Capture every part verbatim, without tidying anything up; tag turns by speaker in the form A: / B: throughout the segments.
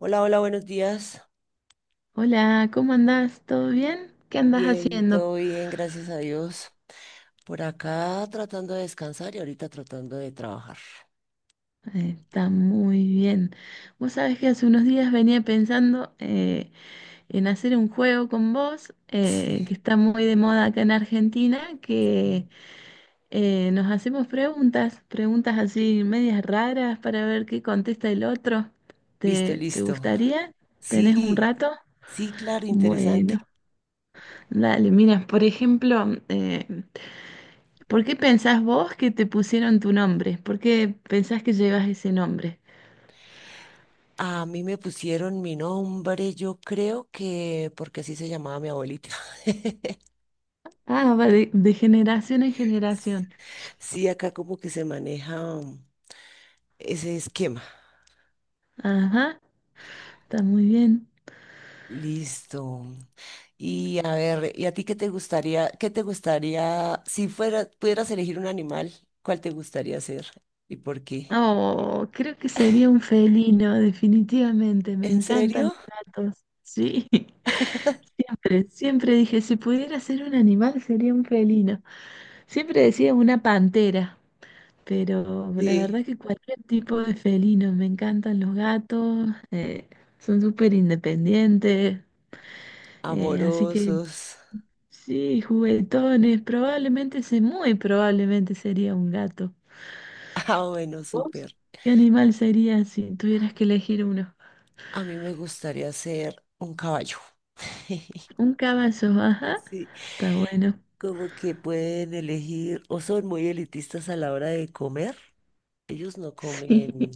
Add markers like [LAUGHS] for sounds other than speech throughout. A: Hola, hola, buenos días.
B: Hola, ¿cómo andás? ¿Todo bien? ¿Qué andás
A: Bien,
B: haciendo?
A: todo bien, gracias a Dios. Por acá tratando de descansar y ahorita tratando de trabajar.
B: Eh, Está muy bien. Vos sabés que hace unos días venía pensando eh, en hacer un juego con vos, eh, que
A: [LAUGHS]
B: está muy de moda acá en Argentina,
A: Sí.
B: que eh, nos hacemos preguntas, preguntas así medias raras para ver qué contesta el otro.
A: Listo,
B: ¿Te, te
A: listo.
B: gustaría? ¿Tenés un
A: Sí,
B: rato?
A: sí, claro, interesante.
B: Bueno, dale, mira, por ejemplo, eh, ¿Por qué pensás vos que te pusieron tu nombre? ¿Por qué pensás que llevas ese nombre?
A: A mí me pusieron mi nombre, yo creo que porque así se llamaba mi abuelita. [LAUGHS]
B: Ah, va de, de generación en generación.
A: Sí, acá como que se maneja ese esquema.
B: Ajá, está muy bien.
A: Listo. Y a ver, ¿y a ti qué te gustaría, qué te gustaría, si fuera, pudieras elegir un animal, cuál te gustaría ser? ¿Y por qué?
B: Oh, creo que sería un felino, definitivamente. Me
A: ¿En
B: encantan
A: serio?
B: los gatos. Sí, [LAUGHS]
A: [LAUGHS]
B: siempre, siempre dije, si pudiera ser un animal, sería un felino. Siempre decía una pantera, pero la
A: Sí,
B: verdad que cualquier tipo de felino. Me encantan los gatos, eh, son súper independientes. Eh, así que
A: amorosos.
B: sí, juguetones, probablemente, se- muy probablemente sería un gato.
A: Ah, bueno,
B: ¿Vos?
A: súper.
B: ¿Qué animal sería si tuvieras que elegir uno?
A: A mí me gustaría ser un caballo. [LAUGHS]
B: Un caballo, ajá.
A: Sí,
B: Está bueno.
A: como que pueden elegir o son muy elitistas a la hora de comer. Ellos no
B: [LAUGHS] Sí.
A: comen,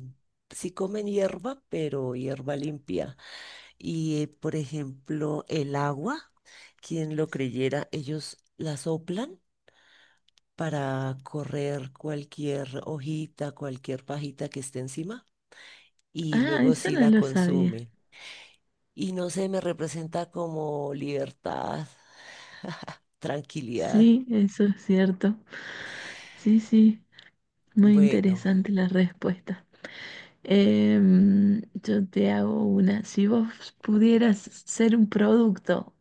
A: sí comen hierba, pero hierba limpia. Y, eh, por ejemplo, el agua, quien lo creyera, ellos la soplan para correr cualquier hojita, cualquier pajita que esté encima y
B: Ah,
A: luego
B: eso
A: sí
B: no
A: la
B: lo sabía.
A: consume. Y no sé, me representa como libertad, [LAUGHS] tranquilidad.
B: Sí, eso es cierto. Sí, sí. Muy
A: Bueno,
B: interesante la respuesta. Em, yo te hago una. Si vos pudieras ser un producto,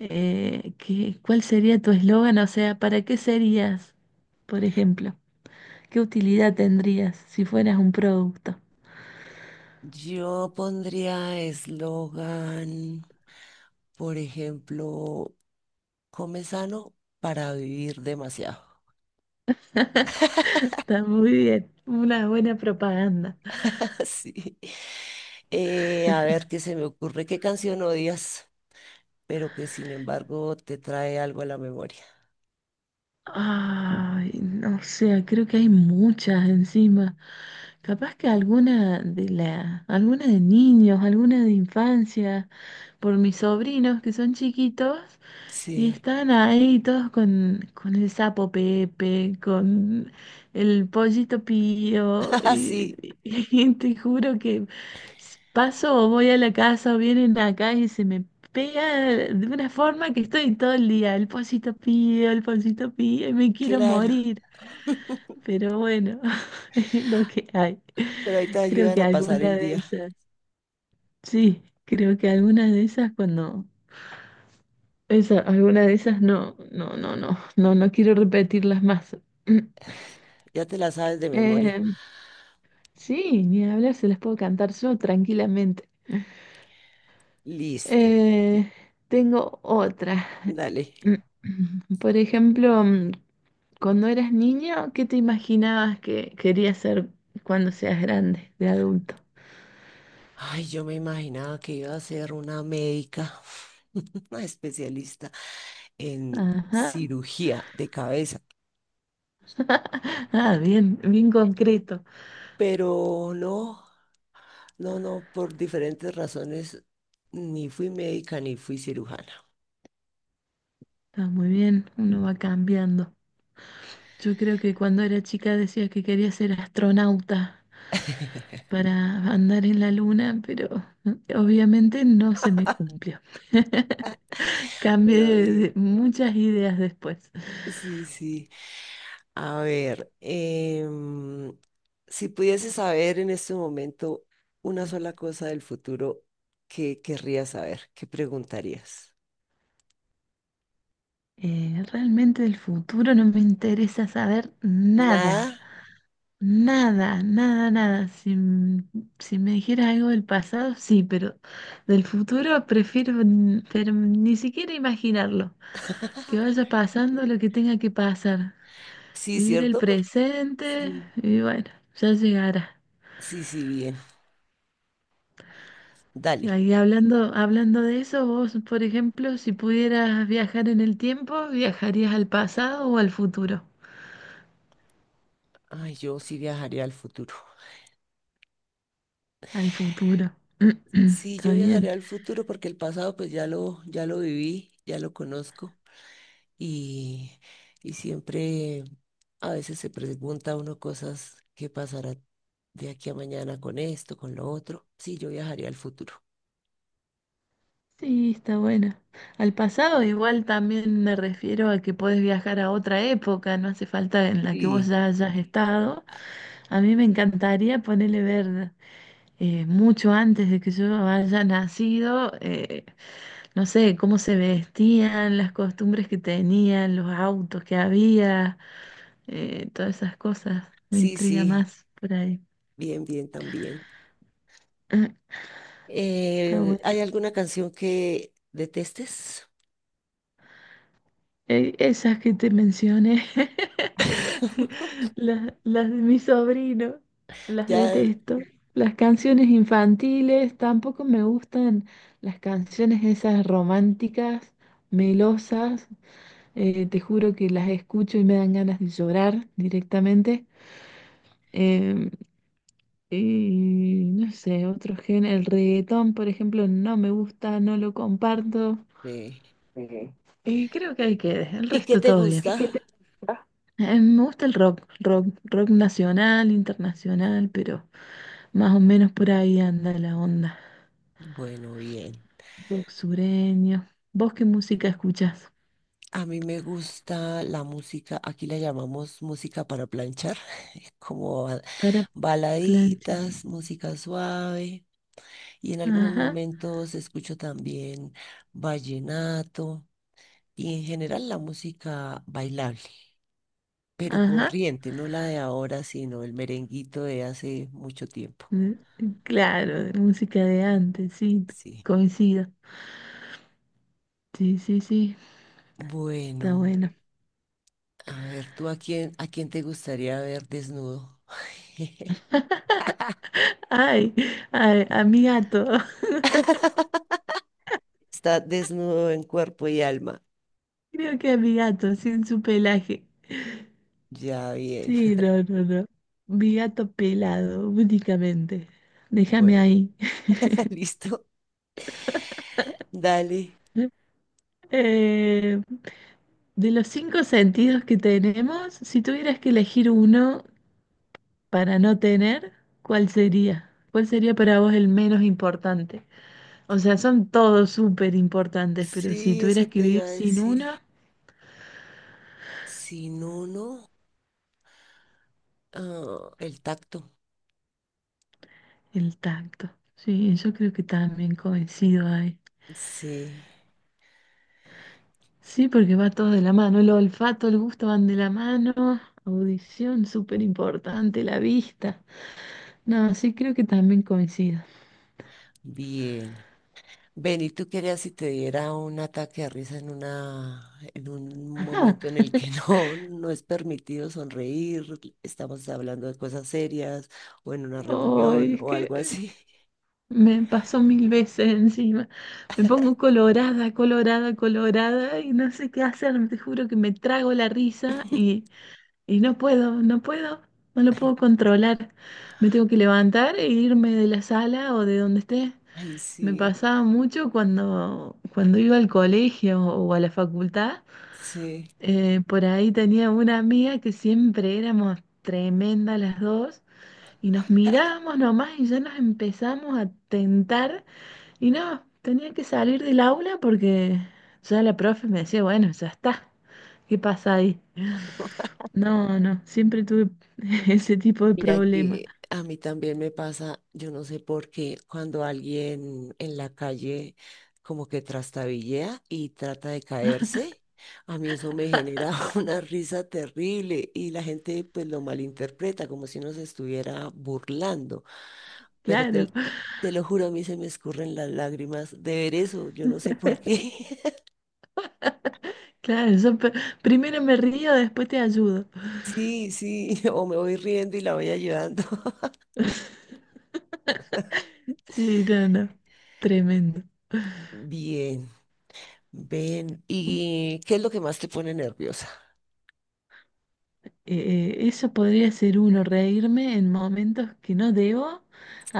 B: Eh, ¿qué- cuál sería tu eslogan? O sea, ¿para qué serías, por ejemplo? ¿Qué utilidad tendrías si fueras un producto?
A: yo pondría eslogan, por ejemplo, come sano para vivir demasiado.
B: Está muy bien, una buena propaganda.
A: [LAUGHS] Sí. Eh, a ver qué se me ocurre, qué canción odias, pero que sin embargo te trae algo a la memoria.
B: Ay, no sé, creo que hay muchas encima. Capaz que alguna de la, alguna de niños, alguna de infancia, por mis sobrinos que son chiquitos y
A: Sí,
B: están ahí todos con, con el sapo Pepe, con el pollito
A: [LAUGHS]
B: Pío,
A: ah, sí,
B: y, [LAUGHS] y te juro que paso o voy a la casa o vienen acá y se me pega de una forma que estoy todo el día. El pancito pío, el pancito pío y me quiero
A: claro.
B: morir. Pero bueno, [LAUGHS] es lo que hay.
A: Pero ahí te
B: Creo
A: ayudan
B: que
A: a pasar
B: alguna
A: el
B: de
A: día.
B: esas, sí, creo que alguna de esas cuando, esa, alguna de esas no, no, no, no, no, no quiero repetirlas más. [CLEARS THROAT]
A: Ya te la sabes de memoria.
B: Eh, sí, ni hablar, se las puedo cantar yo tranquilamente.
A: Listo,
B: Eh, Tengo otra.
A: dale.
B: [CLEARS THROAT] Por ejemplo, mm, cuando eras niño, ¿qué te imaginabas que querías ser cuando seas grande, de adulto?
A: Ay, yo me imaginaba que iba a ser una médica, [LAUGHS] una especialista en
B: Ajá.
A: cirugía de cabeza,
B: [LAUGHS] Ah, bien, bien concreto.
A: pero no, no, no, por diferentes razones, ni fui médica ni fui cirujana.
B: Está muy bien, uno va cambiando. Yo creo que cuando era chica decía que quería ser astronauta
A: [LAUGHS]
B: para andar en la luna, pero [LAUGHS] mm, obviamente no se me cumplió.
A: Pero
B: Cambié de-
A: bien,
B: de muchas ideas después.
A: sí, sí. A ver, em, si pudiese saber en este momento una sola cosa del futuro, ¿qué querrías saber? ¿Qué preguntarías?
B: Eh, realmente el futuro no me interesa saber nada.
A: Nada.
B: Nada, nada, nada. Si, m- si me dijeras algo del pasado, sí, pero del futuro prefiero n- pero ni siquiera imaginarlo. Que vaya pasando lo que tenga que pasar.
A: Sí,
B: Vivir el
A: ¿cierto? Porque
B: presente
A: sí.
B: y bueno, ya llegará.
A: Sí, sí, bien. Dale.
B: Ahí hablando, hablando de eso, vos, por ejemplo, si pudieras viajar en el tiempo, ¿viajarías al pasado o al futuro?
A: Ay, yo sí viajaría al futuro.
B: Al futuro. [CLEARS THROAT]
A: Sí,
B: Está
A: yo
B: bien.
A: viajaría al futuro porque el pasado pues ya lo, ya lo viví, ya lo conozco. Y, y siempre a veces se pregunta uno cosas que pasará de aquí a mañana con esto, con lo otro. Sí, yo viajaría al futuro.
B: Sí, está bueno. Al pasado igual también me refiero a que podés viajar a otra época, no hace falta en la que vos
A: Sí,
B: ya hayas estado. A mí me encantaría ponerle ver eh, mucho antes de que yo haya nacido, eh, no sé, cómo se vestían, las costumbres que tenían, los autos que había, eh, todas esas cosas. Me
A: sí,
B: intriga
A: sí,
B: más por ahí.
A: bien, bien también.
B: [CLEARS THROAT] Está
A: Eh,
B: bueno.
A: ¿hay alguna canción que detestes?
B: Eh, Esas que te mencioné,
A: [LAUGHS]
B: [LAUGHS] las, las de mi sobrino, las
A: Ya,
B: detesto. Las canciones infantiles, tampoco me gustan las canciones esas románticas, melosas. Eh, te juro que las escucho y me dan ganas de llorar directamente. Em, y no sé, otro género, el reggaetón, por ejemplo, no me gusta, no lo comparto.
A: eh,
B: Y creo que
A: ¿y
B: ahí quede, el
A: y qué
B: resto
A: te
B: todo bien.
A: gusta?
B: Eh, me gusta el rock, rock, rock nacional, internacional, pero más o menos por ahí anda la onda.
A: Bueno, bien.
B: Rock sureño. ¿Vos qué música escuchás?
A: A mí me gusta la música, aquí la llamamos música para planchar. como ba-
B: Para planchar.
A: baladitas, música suave y en algunos
B: Ajá,
A: momentos escucho también vallenato y en general la música bailable, pero
B: ajá.
A: corriente, no la de ahora, sino el merenguito de hace mucho tiempo.
B: Mm, claro, de música de antes, sí,
A: Sí.
B: coincido. Sí, sí, sí, está
A: Bueno,
B: bueno.
A: a ver, ¿tú a quién, a quién te gustaría ver desnudo? [LAUGHS]
B: Ay, ay, a mi gato. [LAUGHS]
A: Está desnudo en cuerpo y alma.
B: Creo que a mi gato, sin su pelaje.
A: Ya bien.
B: Sí,
A: [LAUGHS]
B: no, no, no. Mi gato pelado, únicamente. Déjame
A: Bueno,
B: ahí.
A: [LAUGHS] listo. Dale.
B: [LAUGHS] Eh, de los cinco sentidos que tenemos, si tuvieras que elegir uno para no tener, ¿cuál sería? ¿Cuál sería para vos el menos importante? O sea, son todos súper importantes, pero si
A: Sí,
B: tuvieras
A: eso
B: que
A: te
B: vivir
A: iba a
B: sin
A: decir.
B: uno,
A: Si no, no. Ah, el tacto.
B: el tacto. Sí, yo creo que también coincido ahí.
A: Sí,
B: Sí, porque va todo de la mano. El olfato, el gusto van de la mano. Audición, súper importante, la vista. No, sí, creo que también coincido.
A: bien. Ven, ¿y tú querías si te diera un ataque de risa en una, en un momento en el que
B: [LAUGHS]
A: [LAUGHS] no, no es permitido sonreír, estamos hablando de cosas serias, o en una
B: Ay,
A: reunión,
B: es
A: o
B: que
A: algo así?
B: me pasó mil veces encima. Me pongo colorada, colorada, colorada y no sé qué hacer. Te juro que me trago la risa
A: [LAUGHS]
B: y, y no puedo, no puedo, no lo
A: Ay,
B: puedo controlar. Me tengo que levantar e irme de la sala o de donde esté.
A: ay,
B: Me
A: sí,
B: pasaba mucho cuando, cuando iba al colegio o a la facultad.
A: sí.
B: Eh, por ahí tenía una amiga que siempre éramos tremendas las dos. Y nos miramos nomás y ya nos empezamos a tentar. Y no, tenía que salir del aula porque ya la profe me decía, bueno, ya está. ¿Qué pasa ahí? No, no, siempre tuve [LAUGHS] ese tipo de
A: Mira
B: problema.
A: que a mí también me pasa, yo no sé por qué, cuando alguien en la calle como que trastabillea y trata de caerse, a mí eso me genera [LAUGHS] una risa terrible y la gente pues lo malinterpreta como si uno se estuviera burlando. Pero te,
B: Claro,
A: l- te lo juro, a mí se me escurren las lágrimas de ver eso, yo no sé por qué. [LAUGHS]
B: claro, yo pe- primero me río, después te ayudo.
A: Sí, sí, [LAUGHS] o me voy riendo y la voy ayudando. [LAUGHS]
B: Sí, no, no, tremendo.
A: Bien. Ven, ¿y qué es lo que más te pone nerviosa?
B: Eh, eh, eso podría ser uno, reírme en momentos que no debo.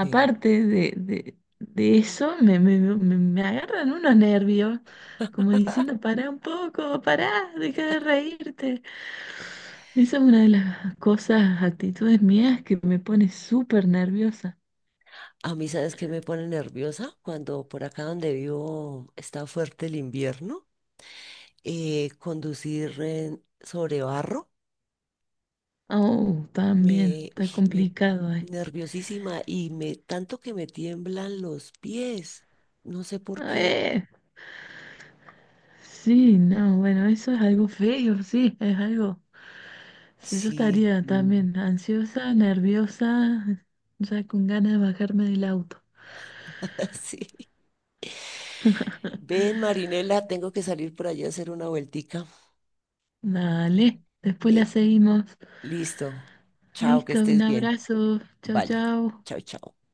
A: Sí.
B: de, de- de eso, me, me- me- me agarran unos nervios, como diciendo, pará un poco, pará, deja de reírte. Esa es una de las cosas, actitudes mías que me pone súper nerviosa.
A: A mí, ¿sabes qué me pone nerviosa? Cuando por acá donde vivo está fuerte el invierno, eh, conducir en- sobre barro,
B: Oh, también,
A: me, uy,
B: está
A: me
B: complicado ahí.
A: nerviosísima y me tanto que me tiemblan los pies. No sé por qué.
B: Eh, sí, no, bueno, eso es algo feo, sí, es algo. Si yo
A: Sí.
B: estaría
A: Mm.
B: también ansiosa, nerviosa, ya con ganas de bajarme del auto.
A: [LAUGHS] Sí.
B: [LAUGHS]
A: Ven, Marinela, tengo que salir por allá a hacer una vueltica.
B: Dale, después la
A: Eh,
B: seguimos.
A: listo. Chao, que
B: Listo, un
A: estés bien.
B: abrazo. Chau,
A: Vale.
B: chau.
A: Chao, chao.